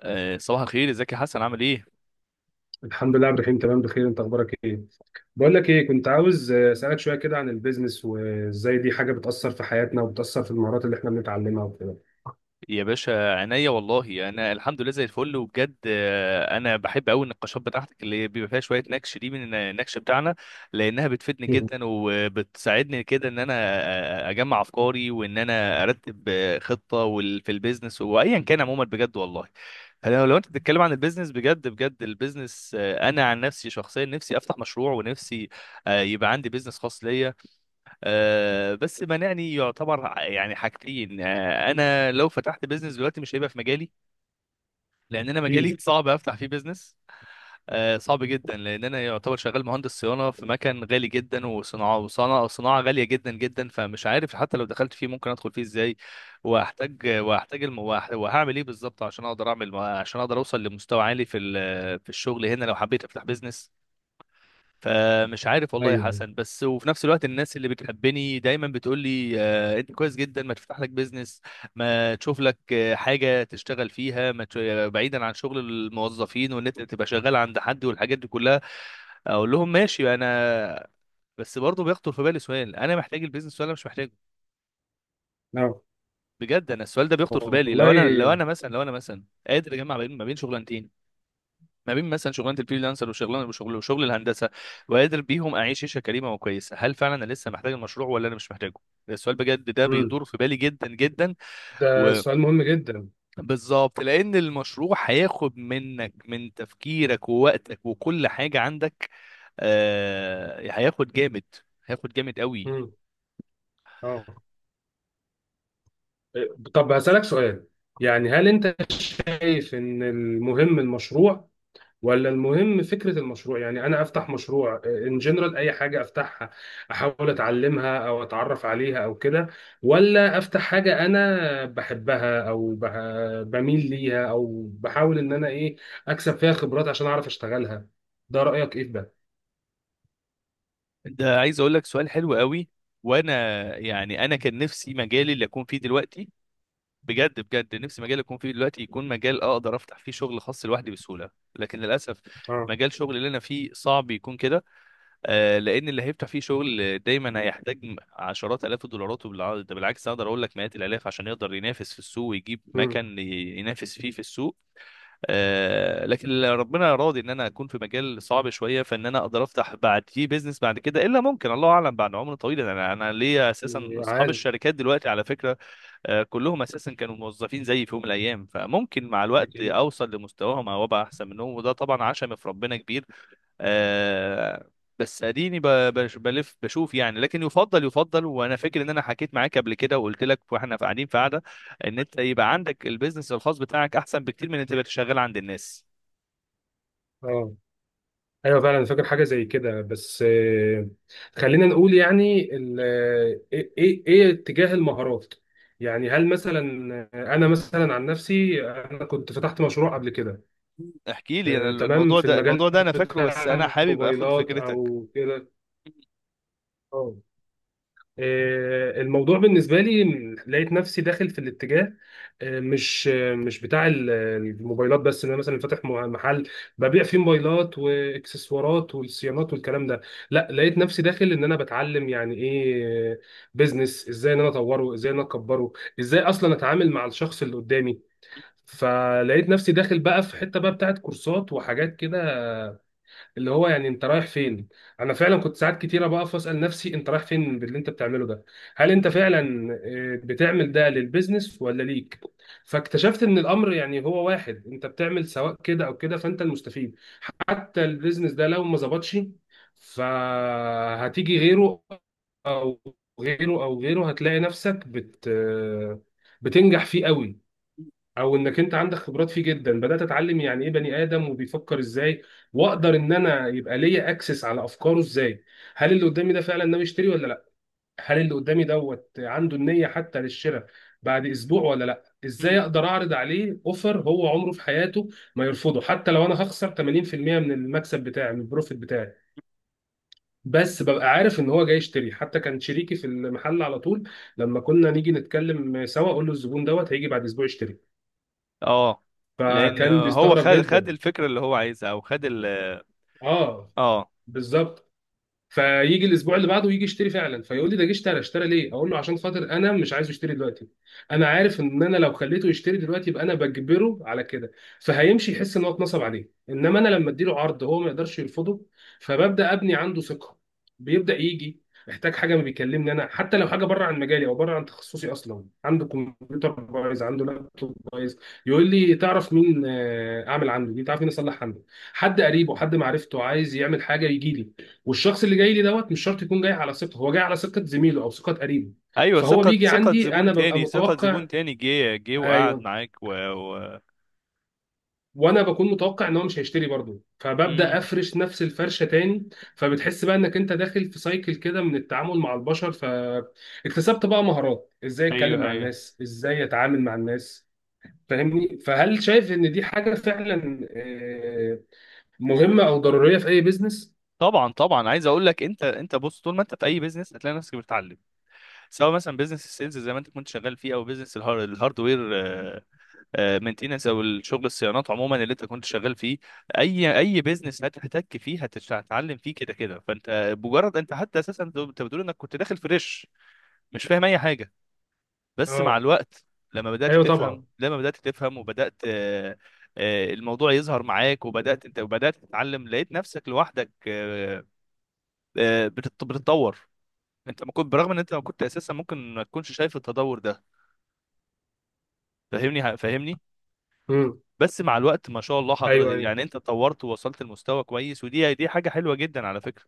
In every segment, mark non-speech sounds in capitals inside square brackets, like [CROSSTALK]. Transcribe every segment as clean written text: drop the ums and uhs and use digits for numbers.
صباح الخير، ازيك يا حسن؟ عامل ايه؟ الحمد لله يا عبد الرحيم، تمام بخير. انت اخبارك ايه؟ بقول لك ايه، كنت عاوز اسالك شويه كده عن البيزنس وازاي دي حاجه بتاثر في حياتنا وبتاثر في المهارات اللي احنا بنتعلمها وكده. يا باشا عينيا، والله انا الحمد لله زي الفل. وبجد انا بحب قوي النقاشات بتاعتك اللي بيبقى فيها شويه نكش، دي من النكش بتاعنا، لانها بتفيدني [LAUGHS] مم. جدا وبتساعدني كده ان انا اجمع افكاري، وان انا ارتب خطه في البيزنس وايا كان. عموما بجد والله، لو انت بتتكلم عن البيزنس، بجد بجد البيزنس، انا عن نفسي شخصيا نفسي افتح مشروع، ونفسي يبقى عندي بيزنس خاص ليا. بس مانعني يعتبر يعني حاجتين. انا لو فتحت بيزنس دلوقتي مش هيبقى في مجالي، لان انا مجالي مم. صعب افتح فيه بيزنس. صعب جدا، لان انا يعتبر شغال مهندس صيانه في مكان غالي جدا، وصناعه غاليه جدا جدا. فمش عارف حتى لو دخلت فيه ممكن ادخل فيه ازاي، واحتاج وهعمل ايه بالظبط عشان اقدر اعمل، عشان اقدر اوصل لمستوى عالي في الشغل هنا لو حبيت افتح بيزنس. فمش عارف والله يا ايوه. حسن. بس وفي نفس الوقت الناس اللي بتحبني دايما بتقول لي انت كويس جدا، ما تفتح لك بيزنس، ما تشوف لك حاجه تشتغل فيها، ما ت- بعيدا عن شغل الموظفين وان انت تبقى شغال عند حد والحاجات دي كلها. اقول لهم ماشي انا، بس برضه بيخطر في بالي سؤال: انا محتاج البيزنس ولا مش محتاجه؟ اه. بجد انا السؤال ده بيخطر في بالي، لو انا لو والله. انا مثلا لو انا مثلا قادر اجمع ما بين شغلانتين، ما بين مثلا شغلانه الفريلانسر، وشغل الهندسه، وقادر بيهم اعيش عيشه كريمه وكويسه. هل فعلا انا لسه محتاج المشروع ولا انا مش محتاجه؟ ده السؤال، بجد ده مم. بيدور في بالي جدا جدا. ده سؤال مهم جدا. وبالظبط لان المشروع هياخد منك، من تفكيرك ووقتك وكل حاجه عندك. هياخد جامد، هياخد جامد قوي. مم. اه. طب هسالك سؤال، يعني هل انت شايف ان المهم المشروع ولا المهم فكرة المشروع؟ يعني أنا أفتح مشروع إن جنرال أي حاجة أفتحها أحاول أتعلمها أو أتعرف عليها أو كده، ولا أفتح حاجة أنا بحبها أو بميل ليها، أو بحاول إن أنا أكسب فيها خبرات عشان أعرف أشتغلها؟ ده رأيك إيه في ده؟ ده عايز اقول لك، سؤال حلو قوي، وانا يعني انا كان نفسي مجالي اللي اكون فيه دلوقتي، بجد بجد نفسي مجال يكون فيه دلوقتي، يكون مجال اقدر افتح فيه شغل خاص لوحدي بسهوله. لكن للاسف آه. مجال شغل اللي انا فيه صعب يكون كده. لان اللي هيفتح فيه شغل دايما هيحتاج عشرات الاف الدولارات، ده بالعكس اقدر اقول لك مئات الالاف عشان يقدر ينافس في السوق ويجيب أمم. مكان ينافس فيه في السوق. لكن اللي ربنا راضي ان انا اكون في مجال صعب شويه، فان انا اقدر افتح بعديه بيزنس بعد كده، الا ممكن الله اعلم بعد عمر طويل. انا ليا اساسا اصحاب عالم. الشركات دلوقتي على فكره، كلهم اساسا كانوا موظفين زيي في يوم من الايام، فممكن مع الوقت أكيد. اوصل لمستواهم او ابقى احسن منهم، وده طبعا عشم في ربنا كبير. آه، بس اديني بلف بشوف يعني. لكن يفضل، وانا فاكر ان انا حكيت معاك قبل كده وقلت لك واحنا قاعدين في قعده، ان انت يبقى عندك البيزنس الخاص بتاعك احسن بكتير من ان انت تبقى شغال عند الناس. آه. ايوه فعلا، أنا فاكر حاجه زي كده، بس خلينا نقول يعني ايه ايه إيه اتجاه المهارات. يعني هل مثلا انا مثلا عن نفسي، انا كنت فتحت مشروع قبل كده. احكي لي انا تمام، الموضوع في ده، المجال الموضوع ده انا فاكره بس بتاع انا حابب اخد الموبايلات فكرتك. او كده. الموضوع بالنسبة لي، لقيت نفسي داخل في الاتجاه، مش بتاع الموبايلات بس، ان انا مثلا فاتح محل ببيع فيه موبايلات واكسسوارات والصيانات والكلام ده. لا، لقيت نفسي داخل ان انا بتعلم يعني ايه بيزنس، ازاي ان انا اطوره، ازاي ان انا اكبره، ازاي اصلا اتعامل مع الشخص اللي قدامي. فلقيت نفسي داخل بقى في حتة بقى بتاعت كورسات وحاجات كده، اللي هو يعني انت رايح فين. انا فعلا كنت ساعات كتيره بقف اسال نفسي انت رايح فين باللي انت بتعمله ده، هل انت فعلا بتعمل ده للبيزنس ولا ليك. فاكتشفت ان الامر يعني هو واحد، انت بتعمل سواء كده او كده فانت المستفيد. حتى البيزنس ده لو ما ظبطش، فهتيجي غيره او غيره او غيره، هتلاقي نفسك بت آه، بتنجح فيه قوي، او انك انت عندك خبرات فيه جدا. بدات اتعلم يعني ايه بني ادم وبيفكر ازاي، واقدر ان انا يبقى ليا اكسس على افكاره ازاي، هل اللي قدامي ده فعلا ناوي يشتري ولا لا، هل اللي قدامي دوت عنده النيه حتى للشراء بعد اسبوع ولا لا، ازاي اقدر اعرض عليه اوفر هو عمره في حياته ما يرفضه حتى لو انا هخسر 80% من المكسب بتاعي من البروفيت بتاعي، بس ببقى عارف ان هو جاي يشتري. حتى كان شريكي في المحل على طول، لما كنا نيجي نتكلم سوا اقول له الزبون دوت هيجي بعد اسبوع يشتري، اه، لان فكان هو بيستغرب خد جدا. الفكره اللي هو عايزها او خد ال اه، اه، بالظبط. فيجي الاسبوع اللي بعده يجي يشتري فعلا، فيقول لي ده جه اشترى، اشترى ليه، اقول له عشان خاطر انا مش عايزه يشتري دلوقتي. انا عارف ان انا لو خليته يشتري دلوقتي يبقى انا بجبره على كده، فهيمشي يحس ان هو اتنصب عليه، انما انا لما اديله عرض هو ما يقدرش يرفضه، فببدا ابني عنده ثقه. بيبدا يجي، احتاج حاجه ما بيكلمني انا حتى لو حاجه بره عن مجالي او بره عن تخصصي، اصلا عنده كمبيوتر بايظ، عنده لابتوب بايظ، يقول لي تعرف مين اعمل عنده دي، تعرف مين اصلح عنده. حد قريبه حد معرفته عايز يعمل حاجه يجي لي، والشخص اللي جاي لي دوت مش شرط يكون جاي على ثقه، هو جاي على ثقه زميله او ثقه قريبه، ايوه. فهو ثقة بيجي ثقة عندي زبون انا ببقى تاني، ثقة متوقع. زبون تاني، جه وقعد ايوه. معاك وانا بكون متوقع ان هو مش هيشتري برضه، مم. فببدا افرش نفس الفرشه تاني. فبتحس بقى انك انت داخل في سايكل كده من التعامل مع البشر، فاكتسبت بقى مهارات ازاي اتكلم ايوه، مع ايوه. الناس، ازاي اتعامل مع الناس. فاهمني؟ فهل شايف ان دي حاجه فعلا مهمه او ضروريه في اي بيزنس؟ طبعا طبعا عايز اقول لك، انت بص، طول ما انت في اي بيزنس هتلاقي نفسك بتتعلم، سواء مثلا بيزنس السيلز زي ما انت كنت شغال فيه او بيزنس الهاردوير مينتيننس، او الشغل الصيانات عموما اللي انت كنت شغال فيه. اي بيزنس هتحتك فيه، هتتعلم فيه كده كده. فانت مجرد انت، حتى اساسا انت بتقول انك كنت داخل فريش مش فاهم اي حاجة. بس مع اه. الوقت، لما بدأت ايوه طبعا. تفهم لما بدأت تفهم وبدأت الموضوع يظهر معاك، وبدأت انت وبدأت تتعلم، لقيت نفسك لوحدك بتتطور. انت ما كنت، برغم ان انت ما كنت اساسا، ممكن ما تكونش شايف التطور ده. فاهمني فاهمني. امم. بس مع الوقت ما شاء الله حضرتك ايوه. ايوه. يعني انت اتطورت ووصلت لمستوى كويس، ودي حاجة حلوة جدا على فكرة.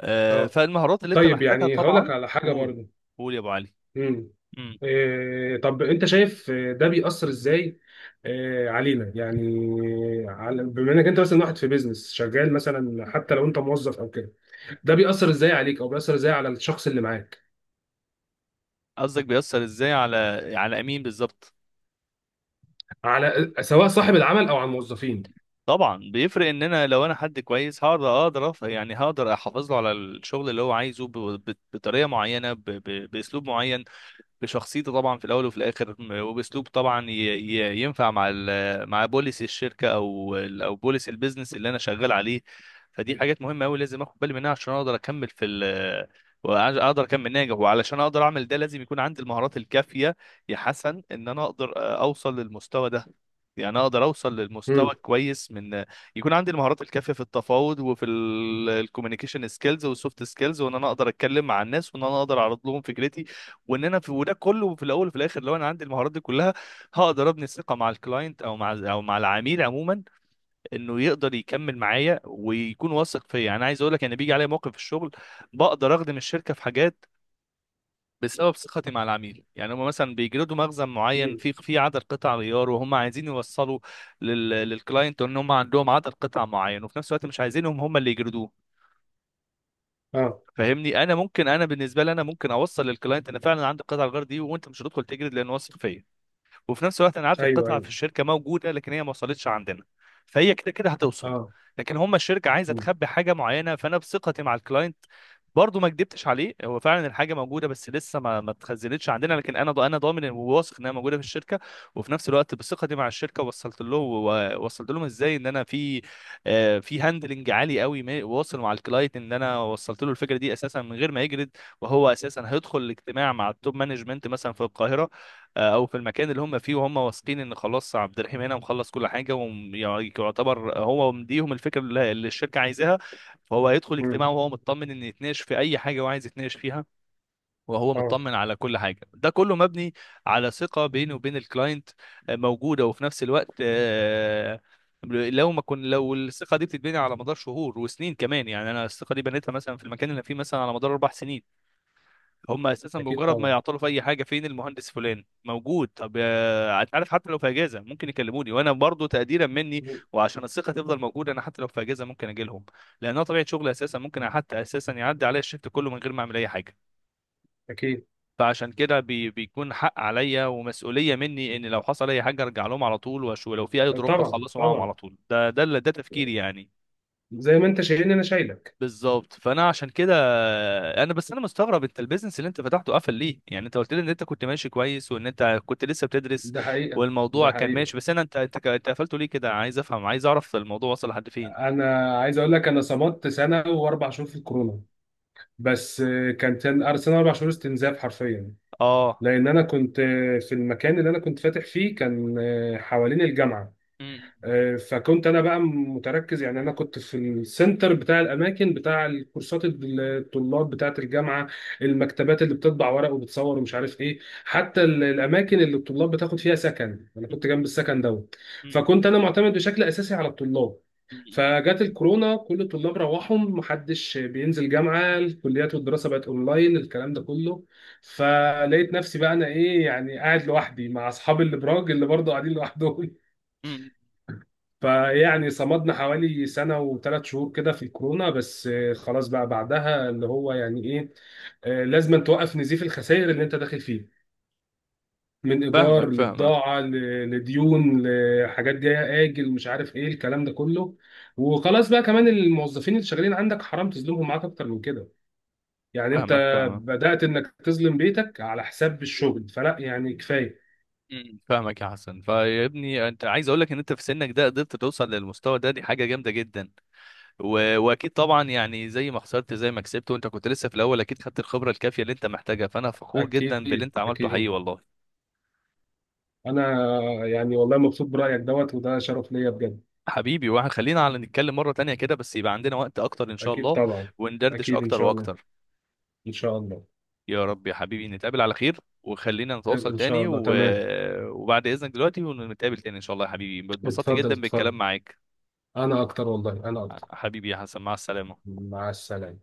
اه. فالمهارات اللي انت طيب، محتاجها يعني هقول طبعا، لك على حاجه قول. برضو. قول يا ابو علي. امم. مم. إيه، طب انت شايف ده بيأثر ازاي؟ إيه علينا يعني؟ على بما انك انت مثلا واحد في بيزنس شغال، مثلا حتى لو انت موظف او كده، ده بيأثر ازاي عليك او بيأثر ازاي على الشخص اللي معاك؟ قصدك بيأثر ازاي على امين بالظبط؟ على سواء صاحب العمل او على الموظفين. طبعا بيفرق ان انا لو انا حد كويس، يعني هقدر احافظ له على الشغل اللي هو عايزه بطريقه معينه، باسلوب معين، بشخصيته طبعا. في الاول وفي الاخر وباسلوب طبعا ينفع مع مع بوليس الشركه، او بوليس البيزنس اللي انا شغال عليه. فدي حاجات مهمه قوي لازم اخد بالي منها عشان اقدر اكمل في ال واقدر اكمل ناجح، وعلشان اقدر اعمل ده لازم يكون عندي المهارات الكافيه يا حسن، ان انا اقدر اوصل للمستوى ده، يعني اقدر اوصل للمستوى امم. كويس، من يكون عندي المهارات الكافيه في التفاوض وفي الكوميونيكيشن سكيلز والسوفت سكيلز، وان انا اقدر اتكلم مع الناس، وان انا اقدر اعرض لهم فكرتي، وان انا في، وده كله في الاول وفي الاخر، لو انا عندي المهارات دي كلها هقدر ابني الثقه مع الكلاينت، او مع العميل عموما، انه يقدر يكمل معايا ويكون واثق فيا. انا عايز اقول لك، انا بيجي عليا موقف في الشغل بقدر اخدم الشركه في حاجات بسبب ثقتي مع العميل. يعني هم مثلا بيجلدوا مخزن معين امم. في عدد قطع غيار، وهم عايزين يوصلوا للكلاينت ان هم عندهم عدد قطع معين، وفي نفس الوقت مش عايزينهم هم اللي يجلدوه. اه. فاهمني. انا بالنسبه لي انا ممكن اوصل للكلاينت انا فعلا عندي قطع الغيار دي، وانت مش هتدخل تجلد لان واثق فيا. وفي نفس الوقت انا عارف ايوه. القطعه ايوه. في الشركه موجوده، لكن هي ما وصلتش عندنا، فهي كده كده هتوصل. اه. لكن هم الشركه عايزه امم. تخبي حاجه معينه، فانا بثقتي مع الكلاينت برضو ما كدبتش عليه، هو فعلا الحاجه موجوده بس لسه ما اتخزنتش عندنا، لكن انا ضامن وواثق انها موجوده في الشركه. وفي نفس الوقت بثقتي مع الشركه وصلت له، ووصلت لهم ازاي ان انا في في هاندلنج عالي قوي، واصل مع الكلاينت، ان انا وصلت له الفكره دي اساسا من غير ما يجرد، وهو اساسا هيدخل الاجتماع مع التوب مانجمنت مثلا في القاهره، او في المكان اللي هم فيه، وهم واثقين ان خلاص عبد الرحيم هنا مخلص كل حاجه، ويعتبر هو مديهم الفكره اللي الشركه عايزاها. فهو هيدخل اجتماع امم. وهو مطمن ان يتناقش في اي حاجه هو عايز يتناقش فيها، وهو اه. مطمن على كل حاجه. ده كله مبني على ثقه بينه وبين الكلاينت موجوده. وفي نفس الوقت لو ما كن لو الثقه دي بتتبني على مدار شهور وسنين كمان، يعني انا الثقه دي بنيتها مثلا في المكان اللي أنا فيه مثلا على مدار 4 سنين. هم اساسا اكيد بمجرد ما طبعا. يعطلوا في اي حاجه: فين المهندس فلان موجود؟ طب انت عارف، حتى لو في اجازه ممكن يكلموني، وانا برضو تقديرا مني مم. وعشان الثقه تفضل موجوده انا حتى لو في اجازه ممكن اجي لهم، لانها طبيعه شغلي اساسا. ممكن حتى اساسا يعدي عليا الشفت كله من غير ما اعمل اي حاجه. اكيد فعشان كده بيكون حق عليا ومسؤوليه مني ان لو حصل اي حاجه ارجع لهم على طول، ولو في اي دروب طبعا اخلصه معاهم على طبعا. طول. ده تفكيري يعني. زي ما انت شايلني انا شايلك. بالظبط، فانا عشان كده انا بس مستغرب، انت البيزنس اللي انت فتحته قفل ليه؟ يعني انت قلت لي ان انت كنت ماشي كويس وان انت كنت لسه بتدرس ده حقيقة. والموضوع ده كان حقيقة، ماشي، بس انا انت انت ك- انت قفلته ليه كده؟ عايز افهم، عايز اعرف الموضوع وصل لحد فين. انا عايز اقول لك انا صمدت سنه و4 شهور في الكورونا، بس كان سنة و4 شهور استنزاف حرفيا. اه، لان انا كنت في المكان اللي انا كنت فاتح فيه، كان حوالين الجامعه. م- فكنت انا بقى متركز، يعني انا كنت في السنتر بتاع الاماكن بتاع الكورسات، الطلاب بتاعه الجامعه، المكتبات اللي بتطبع ورق وبتصور ومش عارف ايه. حتى الاماكن اللي الطلاب بتاخد فيها سكن انا كنت جنب م- السكن دوت، م- فكنت انا معتمد بشكل اساسي على الطلاب. م- م- فجت الكورونا كل الطلاب روحوا، محدش بينزل جامعه، الكليات والدراسه بقت اونلاين، الكلام ده كله. فلقيت نفسي بقى انا ايه يعني قاعد لوحدي مع اصحابي الابراج اللي برضه قاعدين لوحدهم. م- فيعني صمدنا حوالي سنة و3 شهور كده في الكورونا، بس خلاص بقى بعدها اللي هو يعني ايه، لازم توقف نزيف الخسائر اللي انت داخل فيه من فاهمك ايجار فاهمك لبضاعة لديون لحاجات جاية اجل مش عارف ايه الكلام ده كله. وخلاص بقى، كمان الموظفين اللي شغالين عندك حرام تظلمهم معاك اكتر من كده. يعني انت فاهمك فاهمك. بدأت انك تظلم بيتك على حساب الشغل، فلا، يعني كفاية. مم، فاهمك يا حسن. فيا ابني، انت عايز اقول لك ان انت في سنك ده قدرت توصل للمستوى ده، دي حاجه جامده جدا. واكيد طبعا يعني زي ما خسرت زي ما كسبت، وانت كنت لسه في الاول اكيد خدت الخبره الكافيه اللي انت محتاجها، فانا فخور جدا باللي اكيد انت عملته حقيقي اكيد. والله. انا يعني والله مبسوط برأيك دوت، وده شرف ليا بجد. حبيبي واحد، خلينا على نتكلم مره تانية كده بس يبقى عندنا وقت اكتر ان شاء أكيد الله، طبعا. وندردش أكيد إن اكتر شاء الله. واكتر. إن شاء الله. يا رب يا حبيبي نتقابل على خير، وخلينا نتواصل إن شاء تاني الله تمام. وبعد اذنك دلوقتي، ونتقابل تاني ان شاء الله يا حبيبي. اتبسطت اتفضل جدا اتفضل. بالكلام معاك. أنا أكتر، والله أنا أكتر. حبيبي يا حسن، مع السلامه. مع السلامة.